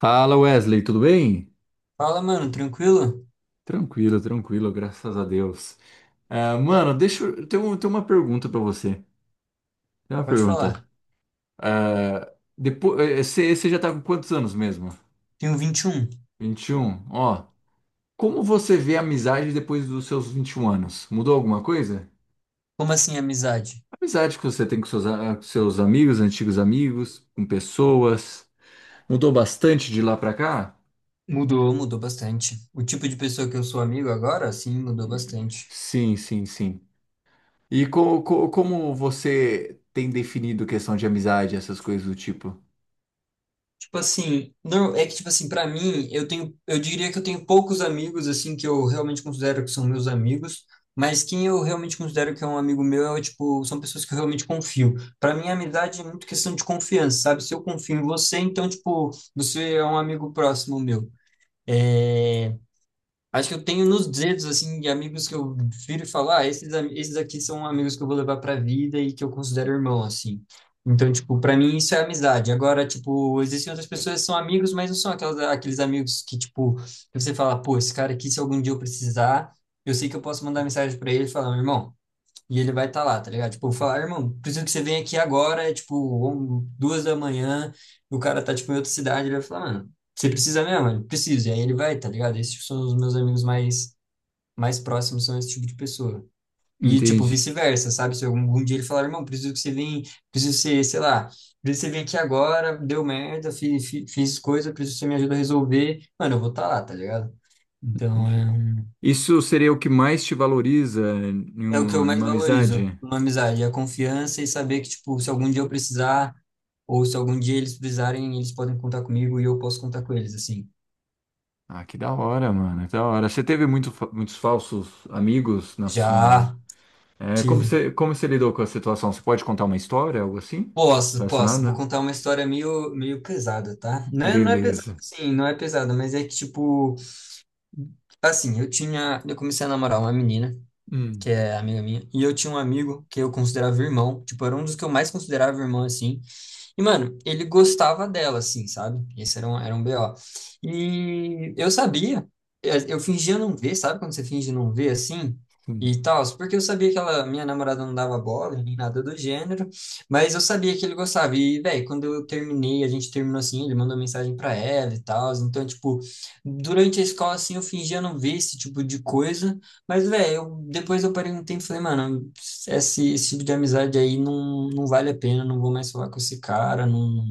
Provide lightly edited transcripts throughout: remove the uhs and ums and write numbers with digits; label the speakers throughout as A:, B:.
A: Fala Wesley, tudo bem?
B: Fala, mano, tranquilo?
A: Tranquilo, tranquilo, graças a Deus. Ah, mano, deixa eu. Tem uma pergunta pra você. Tem uma
B: Pode falar.
A: pergunta. Ah, depois, você já tá com quantos anos mesmo?
B: Tenho 21.
A: 21. Ó, como você vê a amizade depois dos seus 21 anos? Mudou alguma coisa?
B: Como assim, amizade?
A: A amizade que você tem com seus amigos, antigos amigos, com pessoas. Mudou bastante de lá pra cá?
B: Mudou, mudou bastante. O tipo de pessoa que eu sou amigo agora, sim, mudou
A: Hum,
B: bastante.
A: Sim, sim, sim. E como você tem definido questão de amizade, essas coisas do tipo?
B: Tipo assim, não, é que tipo assim, pra mim, eu tenho, eu diria que eu tenho poucos amigos assim que eu realmente considero que são meus amigos, mas quem eu realmente considero que é um amigo meu é tipo, são pessoas que eu realmente confio. Pra mim, amizade é muito questão de confiança, sabe? Se eu confio em você, então tipo, você é um amigo próximo meu. É. Acho que eu tenho nos dedos, assim, de amigos que eu viro e falo, ah, esses, esses aqui são amigos que eu vou levar pra vida e que eu considero irmão, assim. Então, tipo, pra mim isso é amizade. Agora, tipo, existem outras pessoas que são amigos, mas não são aquelas, aqueles amigos que, tipo, que você fala, pô, esse cara aqui, se algum dia eu precisar, eu sei que eu posso mandar mensagem pra ele e falar, irmão, e ele vai estar lá, tá ligado? Tipo, eu vou falar, "Ah, irmão, preciso que você venha aqui agora, é tipo, 2 da manhã, o cara tá, tipo, em outra cidade, ele vai falar, mano, você precisa mesmo? Ele precisa. E aí ele vai, tá ligado? Esses são os meus amigos mais, mais próximos, são esse tipo de pessoa. E, tipo,
A: Entende?
B: vice-versa, sabe? Se algum dia ele falar, irmão, preciso que você venha, preciso que você, sei lá, preciso que você venha aqui agora, deu merda, fiz coisa, preciso que você me ajuda a resolver, mano, eu vou estar lá, tá ligado? Então,
A: Entendi.
B: é um.
A: Isso seria o que mais te valoriza em
B: É o que eu
A: em
B: mais
A: uma
B: valorizo
A: amizade?
B: numa amizade, é a confiança e saber que, tipo, se algum dia eu precisar, ou se algum dia eles precisarem, eles podem contar comigo e eu posso contar com eles, assim.
A: Ah, que da hora, mano, que da hora. Você teve muitos falsos amigos na sua.
B: Já
A: É,
B: tive.
A: como você lidou com a situação? Você pode contar uma história, algo assim?
B: Posso, posso. Vou
A: Relacionada?
B: contar uma história meio, meio pesada, tá? Não é, não é pesada,
A: Beleza.
B: assim, não é pesada, mas é que, tipo, assim, eu tinha, eu comecei a namorar uma menina, que
A: Hum,
B: é amiga minha, e eu tinha um amigo que eu considerava irmão, tipo, era um dos que eu mais considerava irmão, assim. E, mano, ele gostava dela, assim, sabe? Esse era um BO. E eu sabia, eu fingia não ver, sabe quando você finge não ver, assim?
A: sim.
B: E tal, porque eu sabia que ela, minha namorada não dava bola, nem nada do gênero, mas eu sabia que ele gostava. E, velho, quando eu terminei, a gente terminou assim, ele mandou mensagem pra ela e tal. Então, tipo, durante a escola, assim, eu fingia não ver esse tipo de coisa. Mas, velho, eu, depois eu parei um tempo e falei, mano, esse tipo de amizade aí não, não vale a pena, não vou mais falar com esse cara, não,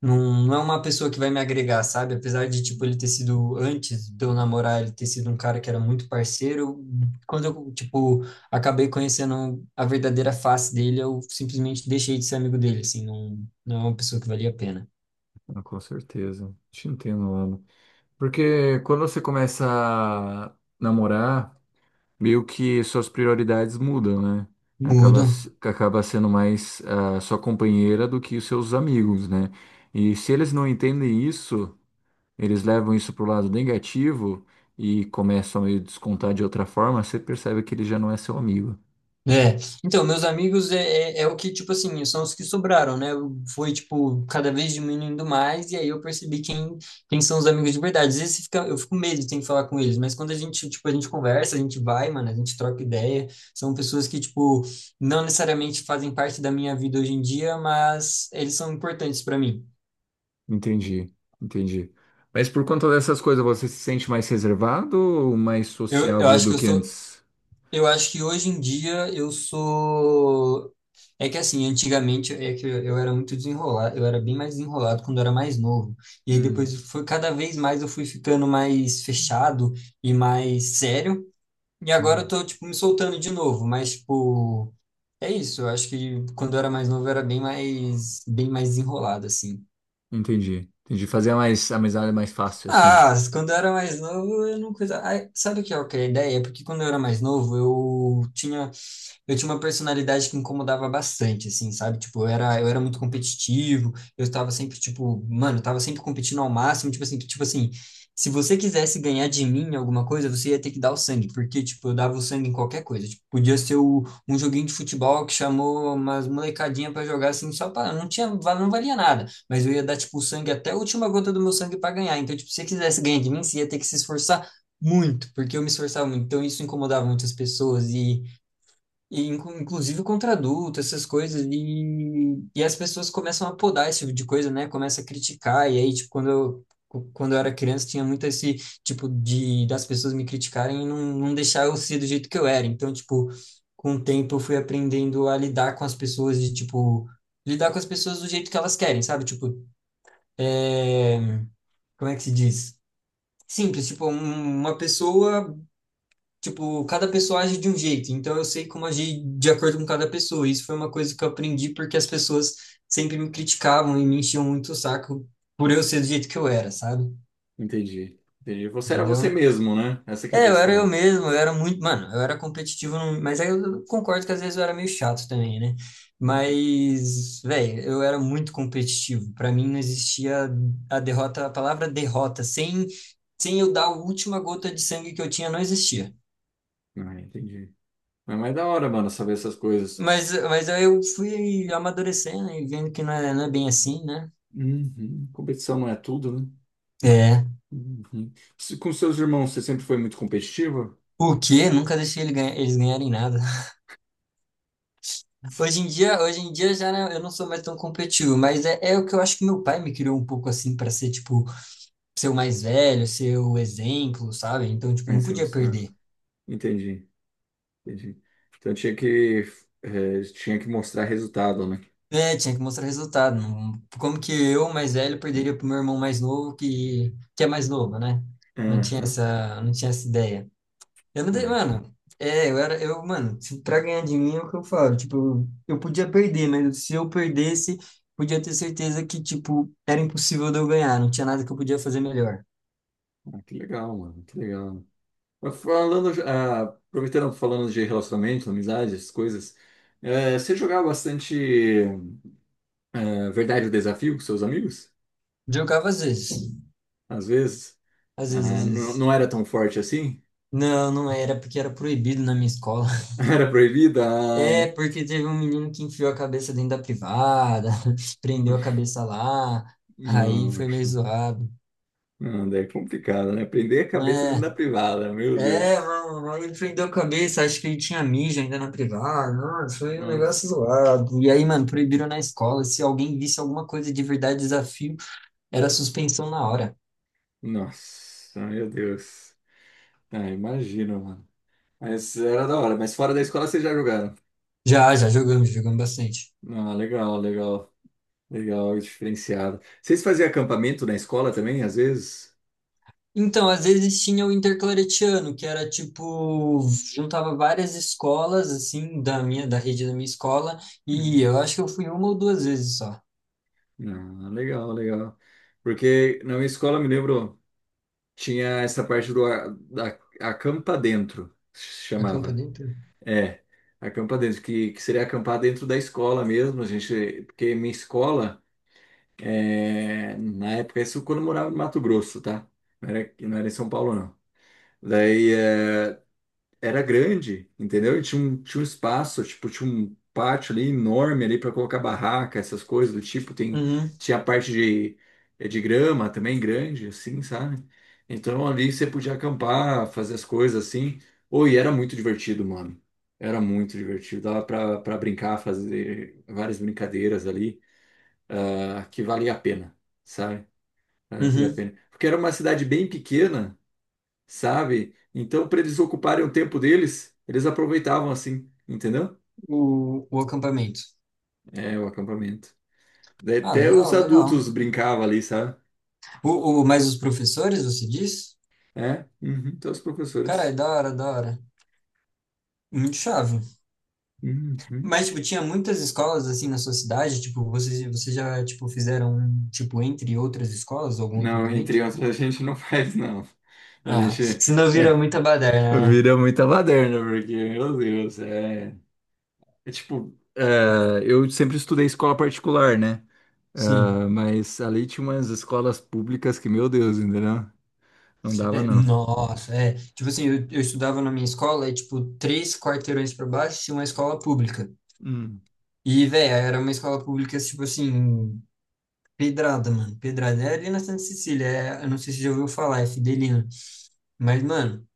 B: não, não é uma pessoa que vai me agregar, sabe? Apesar de, tipo, ele ter sido, antes de eu namorar, ele ter sido um cara que era muito parceiro, quando eu, tipo, acabei conhecendo a verdadeira face dele, eu simplesmente deixei de ser amigo dele, assim, não, não é uma pessoa que valia a pena.
A: Ah, com certeza. Te entendo, mano. Porque quando você começa a namorar, meio que suas prioridades mudam, né? Acaba,
B: Mudo.
A: se- acaba sendo mais a sua companheira do que os seus amigos, né? E se eles não entendem isso, eles levam isso pro lado negativo e começam a meio descontar de outra forma, você percebe que ele já não é seu amigo.
B: É, então, meus amigos é, é o que, tipo assim, são os que sobraram, né? Foi, tipo, cada vez diminuindo mais, e aí eu percebi quem, quem são os amigos de verdade. Às vezes fica, eu fico com medo de ter que falar com eles, mas quando a gente, tipo, a gente conversa, a gente vai, mano, a gente troca ideia. São pessoas que, tipo, não necessariamente fazem parte da minha vida hoje em dia, mas eles são importantes pra mim.
A: Entendi, entendi. Mas por conta dessas coisas, você se sente mais reservado ou mais
B: Eu
A: sociável
B: acho que
A: do
B: eu
A: que
B: sou,
A: antes?
B: eu acho que hoje em dia eu sou. É que assim, antigamente é que eu era muito desenrolado, eu era bem mais desenrolado quando eu era mais novo. E aí depois
A: Hum,
B: foi cada vez mais eu fui ficando mais fechado e mais sério. E agora eu
A: hum.
B: tô tipo me soltando de novo, mas tipo, é isso, eu acho que quando eu era mais novo eu era bem mais desenrolado assim.
A: Entendi, entendi. Fazer mais amizade é mais fácil, assim.
B: Ah, quando eu era mais novo, eu não coisa. Ai, sabe o que é a ideia? É porque quando eu era mais novo, eu tinha uma personalidade que incomodava bastante, assim, sabe? Tipo, eu era muito competitivo, eu estava sempre, tipo, mano, eu tava sempre competindo ao máximo, tipo assim, se você quisesse ganhar de mim em alguma coisa, você ia ter que dar o sangue, porque, tipo, eu dava o sangue em qualquer coisa. Tipo, podia ser um joguinho de futebol que chamou umas molecadinha pra jogar, assim, só pra, não tinha, não valia nada, mas eu ia dar, tipo, o sangue até a última gota do meu sangue para ganhar. Então, tipo, se você quisesse ganhar de mim, você ia ter que se esforçar muito, porque eu me esforçava muito. Então, isso incomodava muitas pessoas, e, inclusive contra adulto, essas coisas. E as pessoas começam a podar esse tipo de coisa, né? Começa a criticar. E aí, tipo, quando eu era criança, tinha muito esse tipo de das pessoas me criticarem e não, não deixar eu ser do jeito que eu era. Então, tipo, com o tempo eu fui aprendendo a lidar com as pessoas de tipo, lidar com as pessoas do jeito que elas querem, sabe? Tipo, é, como é que se diz? Simples, tipo, uma pessoa, tipo, cada pessoa age de um jeito, então eu sei como agir de acordo com cada pessoa. Isso foi uma coisa que eu aprendi porque as pessoas sempre me criticavam e me enchiam muito o saco por eu ser do jeito que eu era, sabe?
A: Entendi. Entendi. Você era você
B: Entendeu?
A: mesmo, né? Essa que é a
B: É, eu era eu
A: questão.
B: mesmo, eu era muito, mano, eu era competitivo, mas aí eu concordo que às vezes eu era meio chato também, né?
A: Entendi.
B: Mas, velho, eu era muito competitivo. Pra mim não existia a derrota, a palavra derrota, sem, sem eu dar a última gota de sangue que eu tinha, não existia.
A: Ah, entendi. Mas é mais da hora, mano, saber essas coisas.
B: Mas aí eu fui amadurecendo e vendo que não é, não é bem assim, né?
A: Uhum. Competição não é tudo, né?
B: É.
A: Uhum. Com seus irmãos, você sempre foi muito competitiva?
B: O quê? Nunca deixei eles ganharem nada. Hoje em dia já não- eu não sou mais tão competitivo, mas é, é o que eu acho que meu pai me criou um pouco assim pra ser, tipo, ser o mais velho, ser o exemplo, sabe? Então, tipo,
A: É.
B: não
A: se
B: podia
A: você...
B: perder.
A: Entendi, entendi. Então tinha que mostrar resultado, né?
B: É, tinha que mostrar resultado. Como que eu, mais velho, perderia pro meu irmão mais novo, que é mais novo, né? Não tinha
A: Aham.
B: essa, não tinha essa ideia. Eu não
A: Ah,
B: dei,
A: é.
B: mano. É, eu era, eu, mano, pra ganhar de mim é o que eu falo. Tipo, eu podia perder, mas se eu perdesse, podia ter certeza que, tipo, era impossível de eu ganhar. Não tinha nada que eu podia fazer melhor.
A: Ah, que legal, mano, que legal. Mas falando, aproveitando, falando de relacionamento, amizade, essas coisas, você jogava bastante. Ah, verdade, o desafio com seus amigos?
B: Jogava às vezes.
A: Às vezes,
B: Às
A: ah,
B: vezes, às
A: não,
B: vezes.
A: não era tão forte assim?
B: Não, não era, porque era proibido na minha escola.
A: Era proibida?
B: É,
A: Ai,
B: porque teve um menino que enfiou a cabeça dentro da privada, prendeu a cabeça lá, aí foi meio
A: nossa,
B: zoado.
A: não, daí é complicado, né? Prender a cabeça dentro da privada, meu
B: É, é,
A: Deus.
B: mano, aí ele prendeu a cabeça, acho que ele tinha mijo ainda na privada, mano, foi um
A: Nossa,
B: negócio zoado. E aí, mano, proibiram na escola, se alguém visse alguma coisa de verdade, desafio, era suspensão na hora.
A: nossa, meu Deus. Ah, imagina, mano. Mas era da hora, mas fora da escola vocês já jogaram.
B: Já, já jogamos, jogamos bastante.
A: Ah, legal, legal, legal, diferenciado. Vocês faziam acampamento na escola também, às vezes?
B: Então, às vezes tinha o interclaretiano, que era tipo, juntava várias escolas, assim, da minha, da rede da minha escola, e
A: Hum.
B: eu acho que eu fui uma ou duas vezes só.
A: Ah, legal, legal. Porque na minha escola, eu me lembro. Tinha essa parte da acampa dentro, se
B: Acampa
A: chamava.
B: dentro?
A: É, acampa dentro, que seria acampar dentro da escola mesmo, a gente, porque minha escola, na época, isso quando eu morava no Mato Grosso, tá? Não era, não era em São Paulo, não. Daí, era grande, entendeu? E tinha um espaço, tipo, tinha um pátio ali enorme ali para colocar barraca, essas coisas do tipo. Tem,
B: Uhum,
A: tinha a parte de grama também grande, assim, sabe? Então ali você podia acampar, fazer as coisas assim. Ô, e era muito divertido, mano. Era muito divertido. Dava pra brincar, fazer várias brincadeiras ali, ah, que valia a pena, sabe? Valia a
B: uhum,
A: pena. Porque era uma cidade bem pequena, sabe? Então, para eles ocuparem o tempo deles, eles aproveitavam assim, entendeu?
B: o acampamento.
A: É, o acampamento. Daí
B: Ah,
A: até os
B: legal, legal.
A: adultos brincavam ali, sabe?
B: O, mas os professores, você diz?
A: É, uhum, até os
B: Cara, é
A: professores.
B: da hora, da hora. Muito chave.
A: Uhum.
B: Mas, tipo, tinha muitas escolas, assim, na sua cidade, tipo, vocês, vocês já, tipo, fizeram, tipo, entre outras escolas, algum
A: Não,
B: acampamento?
A: entre outros, a gente não faz, não. A
B: Ah,
A: gente
B: se não
A: é,
B: vira muita baderna, né?
A: vira muita baderna, porque, meu Deus, é. É tipo, eu sempre estudei escola particular, né? É,
B: Sim.
A: mas ali tinha umas escolas públicas que, meu Deus, entendeu? Não dava,
B: É,
A: não.
B: nossa, é. Tipo assim, eu estudava na minha escola, é tipo 3 quarteirões pra baixo tinha uma escola pública.
A: Hum,
B: E, velho, era uma escola pública, tipo assim, pedrada, mano. Pedrada. É ali na Santa Cecília, é, eu não sei se você já ouviu falar, é Fidelina. Mas, mano,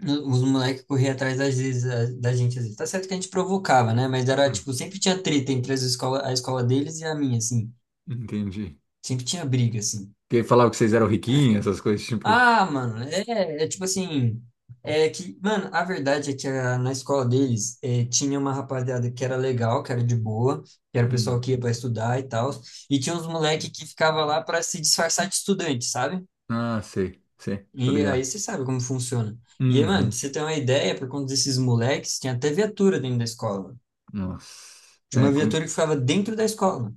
B: os moleques corriam atrás às vezes, da gente, às vezes. Tá certo que a gente provocava, né? Mas era,
A: hum,
B: tipo, sempre tinha treta entre as escola, a escola deles e a minha, assim.
A: entendi.
B: Sempre tinha briga, assim.
A: Que falava que vocês eram riquinhos, essas coisas, tipo.
B: Ah, mano, é, é tipo assim, é que, mano, a verdade é que na escola deles é, tinha uma rapaziada que era legal, que era de boa, que era o pessoal
A: Hum.
B: que ia pra estudar e tal, e tinha uns moleque que ficava lá pra se disfarçar de estudante, sabe?
A: Ah, sei, sei, tô
B: E aí
A: ligado.
B: você sabe como funciona. E aí, mano,
A: Uhum.
B: pra você ter uma ideia, por conta desses moleques, tinha até viatura dentro da escola.
A: Nossa.
B: Tinha
A: É.
B: uma viatura que ficava dentro da escola.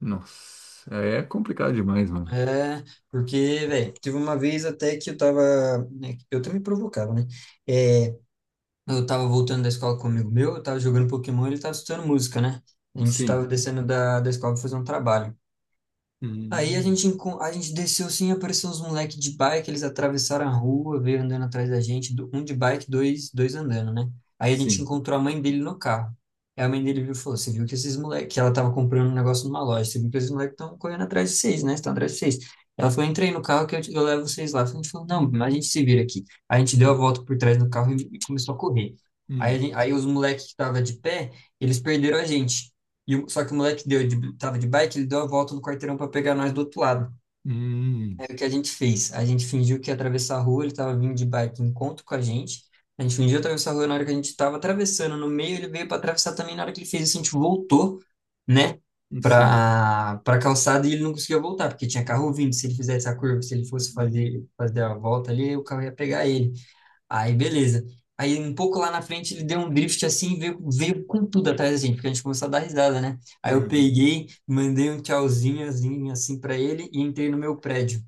A: Nossa. É complicado demais, mano.
B: É, porque, velho, teve uma vez até que eu tava, né, eu também provocava, né? É, eu tava voltando da escola com um amigo meu, eu tava jogando Pokémon e ele tava escutando música, né? A gente tava
A: Sim.
B: descendo da, da escola pra fazer um trabalho. Aí a
A: Hum.
B: gente, a gente desceu sim, apareceu uns moleques de bike, eles atravessaram a rua, veio andando atrás da gente, um de bike, dois, dois andando, né? Aí a gente
A: Sim.
B: encontrou a mãe dele no carro. Aí a mãe dele viu e falou: Você viu que esses moleques, que ela tava comprando um negócio numa loja, você viu que esses moleques estão correndo atrás de vocês, né? Estão atrás de vocês. Ela falou: Entrei no carro que eu, eu levo vocês lá. A gente falou: Não, mas a gente se vira aqui. A gente deu a
A: Hum.
B: volta por trás do carro e começou a correr. Aí,
A: Hum.
B: aí os moleques que estavam de pé, eles perderam a gente. E, só que o moleque deu, de, tava de bike, ele deu a volta no quarteirão para pegar nós do outro lado.
A: Hum.
B: Aí o que a gente fez? A gente fingiu que ia atravessar a rua, ele tava vindo de bike em encontro com a gente. A gente fingiu atravessar a rua na hora que a gente tava atravessando. No meio ele veio para atravessar também. Na hora que ele fez isso, a gente voltou, né,
A: Sim.
B: para calçada e ele não conseguia voltar, porque tinha carro vindo. Se ele fizesse a curva, se ele fosse fazer a volta ali, o carro ia pegar ele. Aí, beleza. Aí, um pouco lá na frente, ele deu um drift assim e veio, veio com tudo atrás da gente, porque a gente começou a dar risada, né? Aí eu
A: Uhum.
B: peguei, mandei um tchauzinho assim, assim para ele e entrei no meu prédio.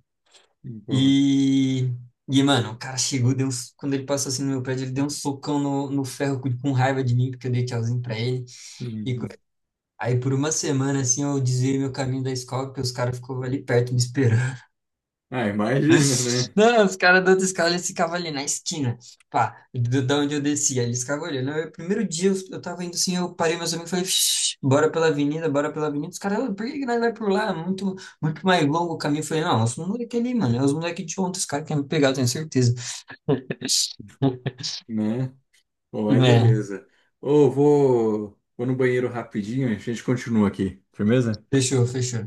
A: Boa.
B: E, e mano, o cara chegou, deu uns, quando ele passou assim no meu prédio, ele deu um socão no, no ferro com raiva de mim, porque eu dei tchauzinho pra ele. E co-
A: Uhum.
B: aí, por uma semana, assim, eu desviei meu caminho da escola, porque os caras ficou ali perto me esperando.
A: Ah, imagina, né?
B: Não, os caras da outra escola, eles ficavam ali na esquina, pá, da onde eu descia, eles ficavam olhando. Aí, o primeiro dia eu tava indo assim, eu parei meus amigos e falei, "Shh, bora pela avenida, bora pela avenida. Os caras, "Ah, por que que nós vai por lá? É muito, muito mais longo o caminho. Eu falei, não, os moleques ali, mano, é os moleques de ontem, os caras querem me pegar, eu tenho certeza.
A: Né? Pô, mas
B: É,
A: beleza. Ô, vou no banheiro rapidinho, a gente continua aqui. Firmeza?
B: fechou, fechou.